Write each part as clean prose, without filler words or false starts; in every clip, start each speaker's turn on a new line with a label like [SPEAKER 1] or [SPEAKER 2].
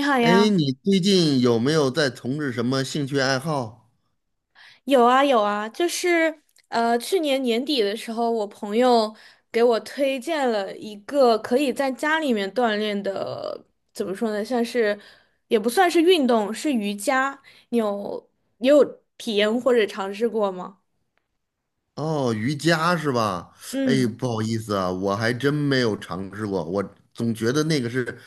[SPEAKER 1] 你好
[SPEAKER 2] 哎，
[SPEAKER 1] 呀，
[SPEAKER 2] 你最近有没有在从事什么兴趣爱好？
[SPEAKER 1] 有啊有啊，就是去年年底的时候，我朋友给我推荐了一个可以在家里面锻炼的，怎么说呢，像是也不算是运动，是瑜伽。你也有体验或者尝试过吗？
[SPEAKER 2] 哦，瑜伽是吧？哎，
[SPEAKER 1] 嗯。
[SPEAKER 2] 不好意思啊，我还真没有尝试过。我总觉得那个是，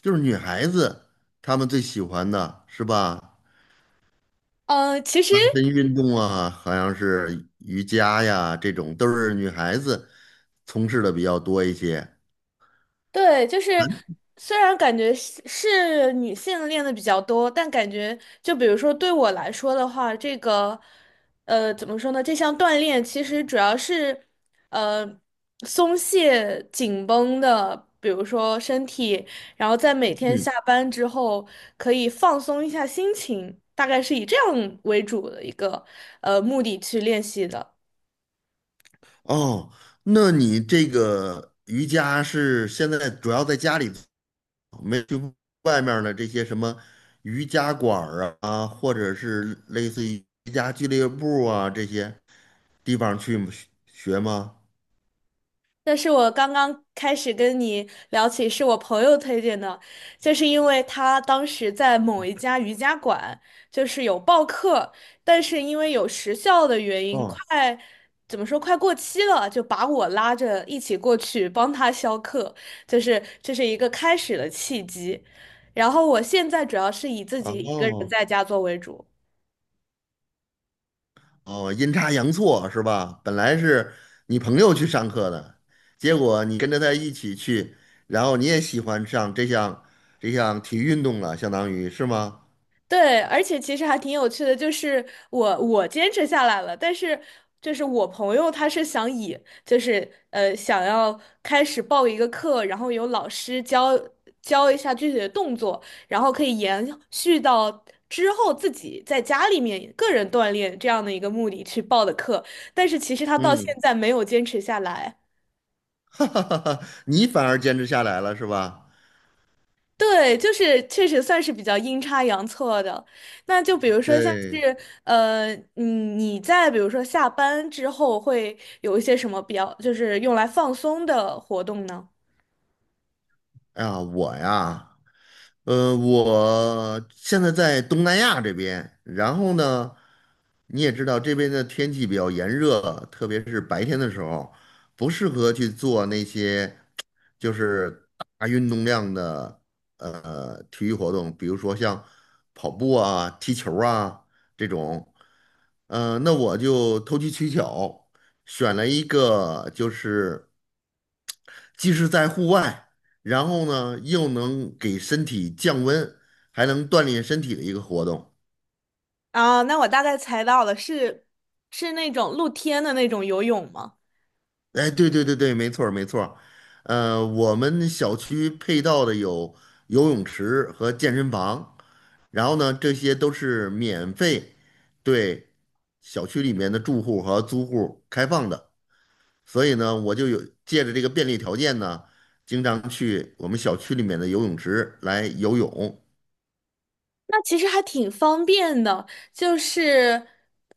[SPEAKER 2] 就是女孩子她们最喜欢的是吧？
[SPEAKER 1] 其实。
[SPEAKER 2] 拉伸运动啊，好像是瑜伽呀，这种都是女孩子从事的比较多一些。
[SPEAKER 1] 对，就是虽然感觉是女性练的比较多，但感觉就比如说对我来说的话，这个怎么说呢？这项锻炼其实主要是呃松懈紧绷的，比如说身体，然后在每天
[SPEAKER 2] 嗯。
[SPEAKER 1] 下班之后可以放松一下心情，大概是以这样为主的一个目的去练习的。
[SPEAKER 2] 哦，那你这个瑜伽是现在主要在家里？没去外面的这些什么瑜伽馆儿啊，或者是类似于瑜伽俱乐部啊这些地方去学学吗？
[SPEAKER 1] 这是我刚刚开始跟你聊起，是我朋友推荐的，就是因为他当时在某一家瑜伽馆，就是有报课，但是因为有时效的原因，
[SPEAKER 2] 哦
[SPEAKER 1] 快，怎么说，快过期了，就把我拉着一起过去帮他销课，就是这是一个开始的契机。然后我现在主要是以自己一个人
[SPEAKER 2] 哦
[SPEAKER 1] 在家做为主。
[SPEAKER 2] 哦，阴差阳错是吧？本来是你朋友去上课的，结果你跟着他一起去，然后你也喜欢上这项体育运动了，相当于是吗？
[SPEAKER 1] 对，而且其实还挺有趣的，就是我坚持下来了，但是就是我朋友他是想以就是想要开始报一个课，然后有老师教一下具体的动作，然后可以延续到之后自己在家里面个人锻炼这样的一个目的去报的课，但是其实他到现
[SPEAKER 2] 嗯，
[SPEAKER 1] 在没有坚持下来。
[SPEAKER 2] 哈哈哈哈，你反而坚持下来了是吧？
[SPEAKER 1] 对，就是确实算是比较阴差阳错的。那就比如说像
[SPEAKER 2] 对。
[SPEAKER 1] 是你在比如说下班之后会有一些什么比较，就是用来放松的活动呢？
[SPEAKER 2] 哎呀，我呀。我现在在东南亚这边，然后呢，你也知道这边的天气比较炎热，特别是白天的时候，不适合去做那些就是大运动量的体育活动，比如说像跑步啊、踢球啊这种。那我就投机取巧，选了一个就是。既是在户外，然后呢又能给身体降温，还能锻炼身体的一个活动。
[SPEAKER 1] 啊，那我大概猜到了，是那种露天的那种游泳吗？
[SPEAKER 2] 哎，对对对对，没错儿没错儿。我们小区配套的有游泳池和健身房，然后呢，这些都是免费对小区里面的住户和租户开放的。所以呢，我就有借着这个便利条件呢，经常去我们小区里面的游泳池来游泳。
[SPEAKER 1] 那其实还挺方便的，就是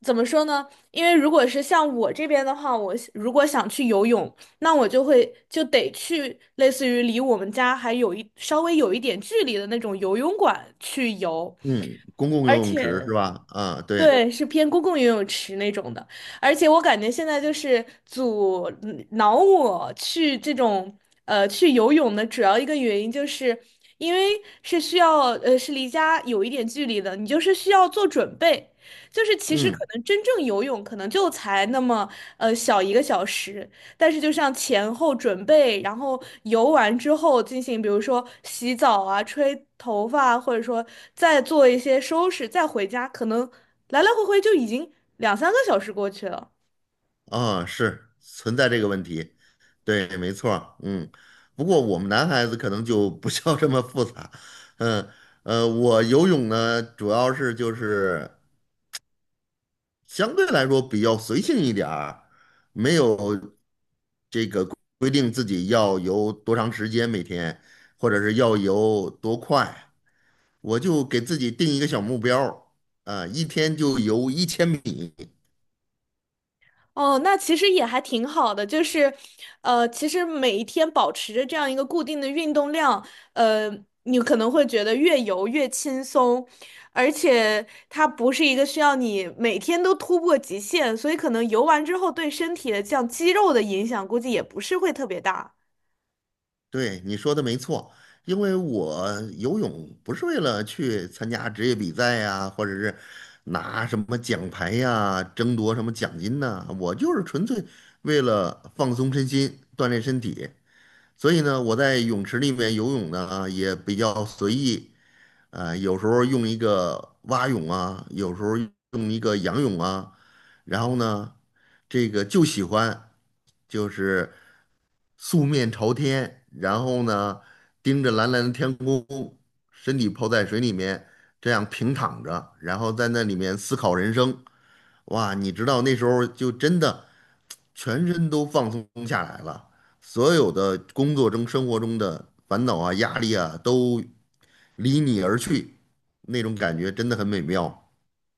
[SPEAKER 1] 怎么说呢？因为如果是像我这边的话，我想如果想去游泳，那我就会就得去类似于离我们家还有稍微有一点距离的那种游泳馆去游，
[SPEAKER 2] 嗯，公共游
[SPEAKER 1] 而
[SPEAKER 2] 泳池是
[SPEAKER 1] 且
[SPEAKER 2] 吧？啊，对。
[SPEAKER 1] 对，是偏公共游泳池那种的，而且我感觉现在就是阻挠我去这种去游泳的主要一个原因，就是因为是需要是离家有一点距离的，你就是需要做准备，就是其实可
[SPEAKER 2] 嗯。
[SPEAKER 1] 能真正游泳可能就才那么小一个小时，但是就像前后准备，然后游完之后进行，比如说洗澡啊、吹头发啊，或者说再做一些收拾，再回家，可能来来回回就已经两三个小时过去了。
[SPEAKER 2] 啊，是存在这个问题，对，没错儿。嗯。不过我们男孩子可能就不需要这么复杂。嗯。我游泳呢，主要是就是相对来说比较随性一点儿，没有规定自己要游多长时间每天，或者是要游多快，我就给自己定一个小目标儿，啊，一天就游1000米。
[SPEAKER 1] 哦，那其实也还挺好的，就是，其实每一天保持着这样一个固定的运动量，呃，你可能会觉得越游越轻松，而且它不是一个需要你每天都突破极限，所以可能游完之后对身体的这样肌肉的影响估计也不是会特别大。
[SPEAKER 2] 对，你说的没错，因为我游泳不是为了去参加职业比赛呀，或者是拿什么奖牌呀，争夺什么奖金呢。我就是纯粹为了放松身心，锻炼身体。所以呢，我在泳池里面游泳呢，也比较随意，有时候用一个蛙泳啊，有时候用一个仰泳啊，然后呢，这个就喜欢就是素面朝天，然后呢，盯着蓝蓝的天空，身体泡在水里面，这样平躺着，然后在那里面思考人生。哇，你知道那时候就真的全身都放松下来了，所有的工作中、生活中的烦恼啊、压力啊都离你而去，那种感觉真的很美妙。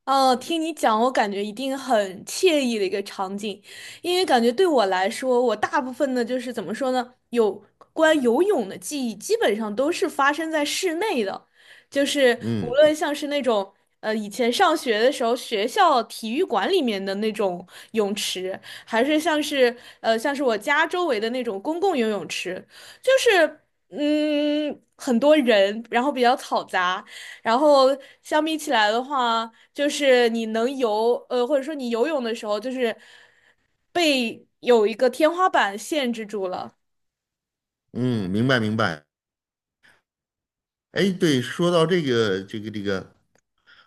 [SPEAKER 1] 哦，听你讲，我感觉一定很惬意的一个场景，因为感觉对我来说，我大部分的就是怎么说呢，有关游泳的记忆，基本上都是发生在室内的，就是无
[SPEAKER 2] 嗯
[SPEAKER 1] 论像是那种以前上学的时候学校体育馆里面的那种泳池，还是像是我家周围的那种公共游泳池，就是很多人，然后比较嘈杂。然后相比起来的话，就是你能游，或者说你游泳的时候，就是被有一个天花板限制住了。
[SPEAKER 2] 嗯，明白明白。哎，对，说到这个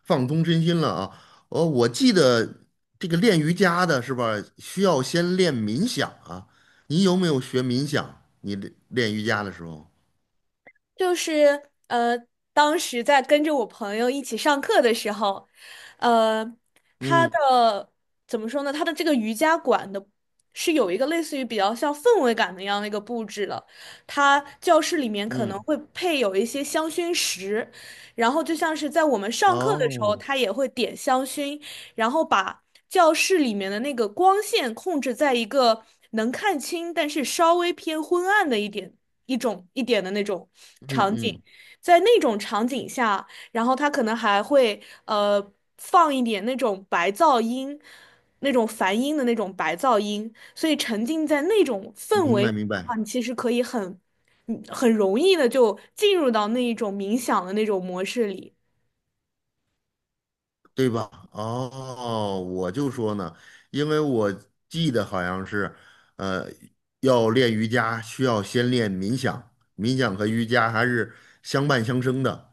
[SPEAKER 2] 放松身心了啊，哦，我记得这个练瑜伽的是吧，需要先练冥想啊。你有没有学冥想？你练练瑜伽的时候？
[SPEAKER 1] 就是呃，当时在跟着我朋友一起上课的时候，呃，他
[SPEAKER 2] 嗯
[SPEAKER 1] 的怎么说呢？他的这个瑜伽馆的是有一个类似于比较像氛围感的一样的一个布置了。他教室里面可能
[SPEAKER 2] 嗯。
[SPEAKER 1] 会配有一些香薰石，然后就像是在我们上课的时候，
[SPEAKER 2] 哦。
[SPEAKER 1] 他也会点香薰，然后把教室里面的那个光线控制在一个能看清，但是稍微偏昏暗的一点。一点的那种
[SPEAKER 2] 嗯
[SPEAKER 1] 场景，
[SPEAKER 2] 嗯，
[SPEAKER 1] 在那种场景下，然后他可能还会放一点那种白噪音，那种梵音的那种白噪音，所以沉浸在那种氛
[SPEAKER 2] 明
[SPEAKER 1] 围里
[SPEAKER 2] 白明
[SPEAKER 1] 的话，
[SPEAKER 2] 白，
[SPEAKER 1] 你其实可以很，很容易的就进入到那一种冥想的那种模式里。
[SPEAKER 2] 对吧？哦，我就说呢，因为我记得好像是，呃，要练瑜伽需要先练冥想，冥想和瑜伽还是相伴相生的。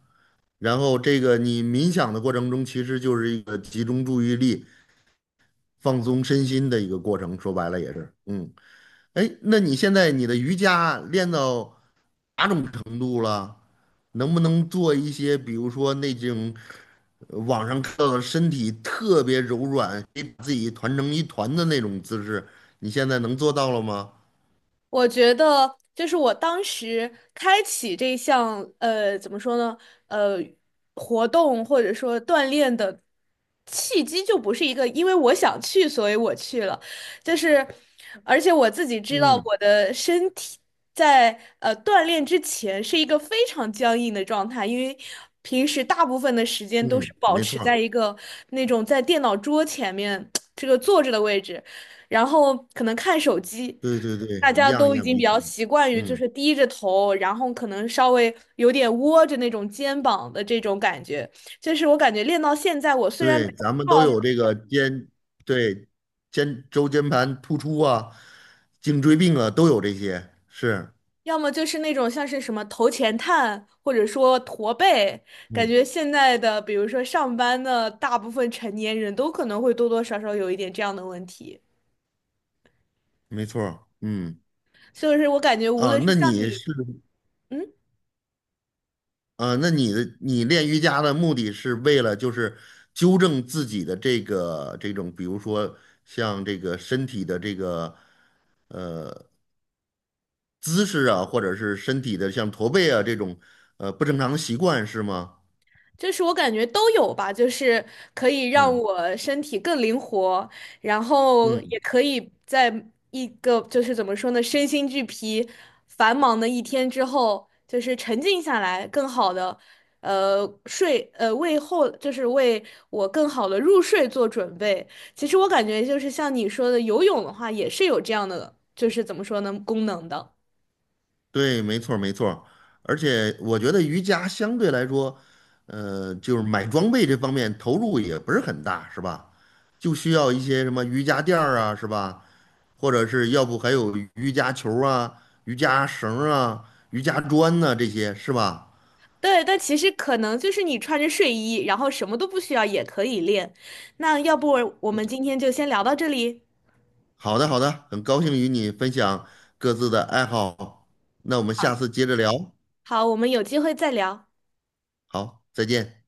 [SPEAKER 2] 然后这个你冥想的过程中，其实就是一个集中注意力、放松身心的一个过程，说白了也是。嗯。哎，那你现在你的瑜伽练到哪种程度了？能不能做一些，比如说那种网上看到的身体特别柔软，可以把自己团成一团的那种姿势？你现在能做到了吗？
[SPEAKER 1] 我觉得就是我当时开启这项怎么说呢？呃，活动或者说锻炼的契机就不是一个，因为我想去，所以我去了。就是，而且我自己知道
[SPEAKER 2] 嗯
[SPEAKER 1] 我的身体在锻炼之前是一个非常僵硬的状态，因为平时大部分的时间都是
[SPEAKER 2] 嗯，
[SPEAKER 1] 保
[SPEAKER 2] 没
[SPEAKER 1] 持
[SPEAKER 2] 错
[SPEAKER 1] 在
[SPEAKER 2] 儿。
[SPEAKER 1] 一个那种在电脑桌前面 这个坐着的位置，然后可能看手机。
[SPEAKER 2] 对对对，
[SPEAKER 1] 大
[SPEAKER 2] 一
[SPEAKER 1] 家
[SPEAKER 2] 样一
[SPEAKER 1] 都已
[SPEAKER 2] 样
[SPEAKER 1] 经
[SPEAKER 2] 彼
[SPEAKER 1] 比
[SPEAKER 2] 此。
[SPEAKER 1] 较习惯于就
[SPEAKER 2] 嗯，
[SPEAKER 1] 是低着头，然后可能稍微有点窝着那种肩膀的这种感觉。就是我感觉练到现在，我虽然
[SPEAKER 2] 对，
[SPEAKER 1] 没有
[SPEAKER 2] 咱们都
[SPEAKER 1] 胖
[SPEAKER 2] 有这个肩，对，肩周间盘突出啊，颈椎病啊，都有这些。是。
[SPEAKER 1] 要么就是那种像是什么头前探，或者说驼背，感
[SPEAKER 2] 嗯，
[SPEAKER 1] 觉现在的比如说上班的大部分成年人都可能会多多少少有一点这样的问题。
[SPEAKER 2] 没错儿。嗯。
[SPEAKER 1] 就是我感觉无
[SPEAKER 2] 啊，
[SPEAKER 1] 论是
[SPEAKER 2] 那
[SPEAKER 1] 像
[SPEAKER 2] 你
[SPEAKER 1] 你。
[SPEAKER 2] 是。
[SPEAKER 1] 嗯。
[SPEAKER 2] 啊，那你的练瑜伽的目的是为了就是纠正自己的这个这种，比如说像这个身体的这个姿势啊，或者是身体的像驼背啊这种不正常的习惯是吗？
[SPEAKER 1] 就是我感觉都有吧，就是可以让
[SPEAKER 2] 嗯
[SPEAKER 1] 我身体更灵活，然后也
[SPEAKER 2] 嗯，
[SPEAKER 1] 可以在一个就是怎么说呢，身心俱疲、繁忙的一天之后，就是沉静下来，更好的呃睡呃为后就是为我更好的入睡做准备。其实我感觉就是像你说的，游泳的话也是有这样的，就是怎么说呢，功能的。
[SPEAKER 2] 对，没错儿没错儿。而且我觉得瑜伽相对来说，就是买装备这方面投入也不是很大，是吧？就需要一些什么瑜伽垫儿啊，是吧？或者是要不还有瑜伽球啊、瑜伽绳啊、瑜伽砖呐、这些是吧？
[SPEAKER 1] 对，但其实可能就是你穿着睡衣，然后什么都不需要也可以练。那要不我们今天就先聊到这里，
[SPEAKER 2] 好的，好的，很高兴与你分享各自的爱好，那我们下次接着聊，
[SPEAKER 1] 好，我们有机会再聊。
[SPEAKER 2] 好，再见。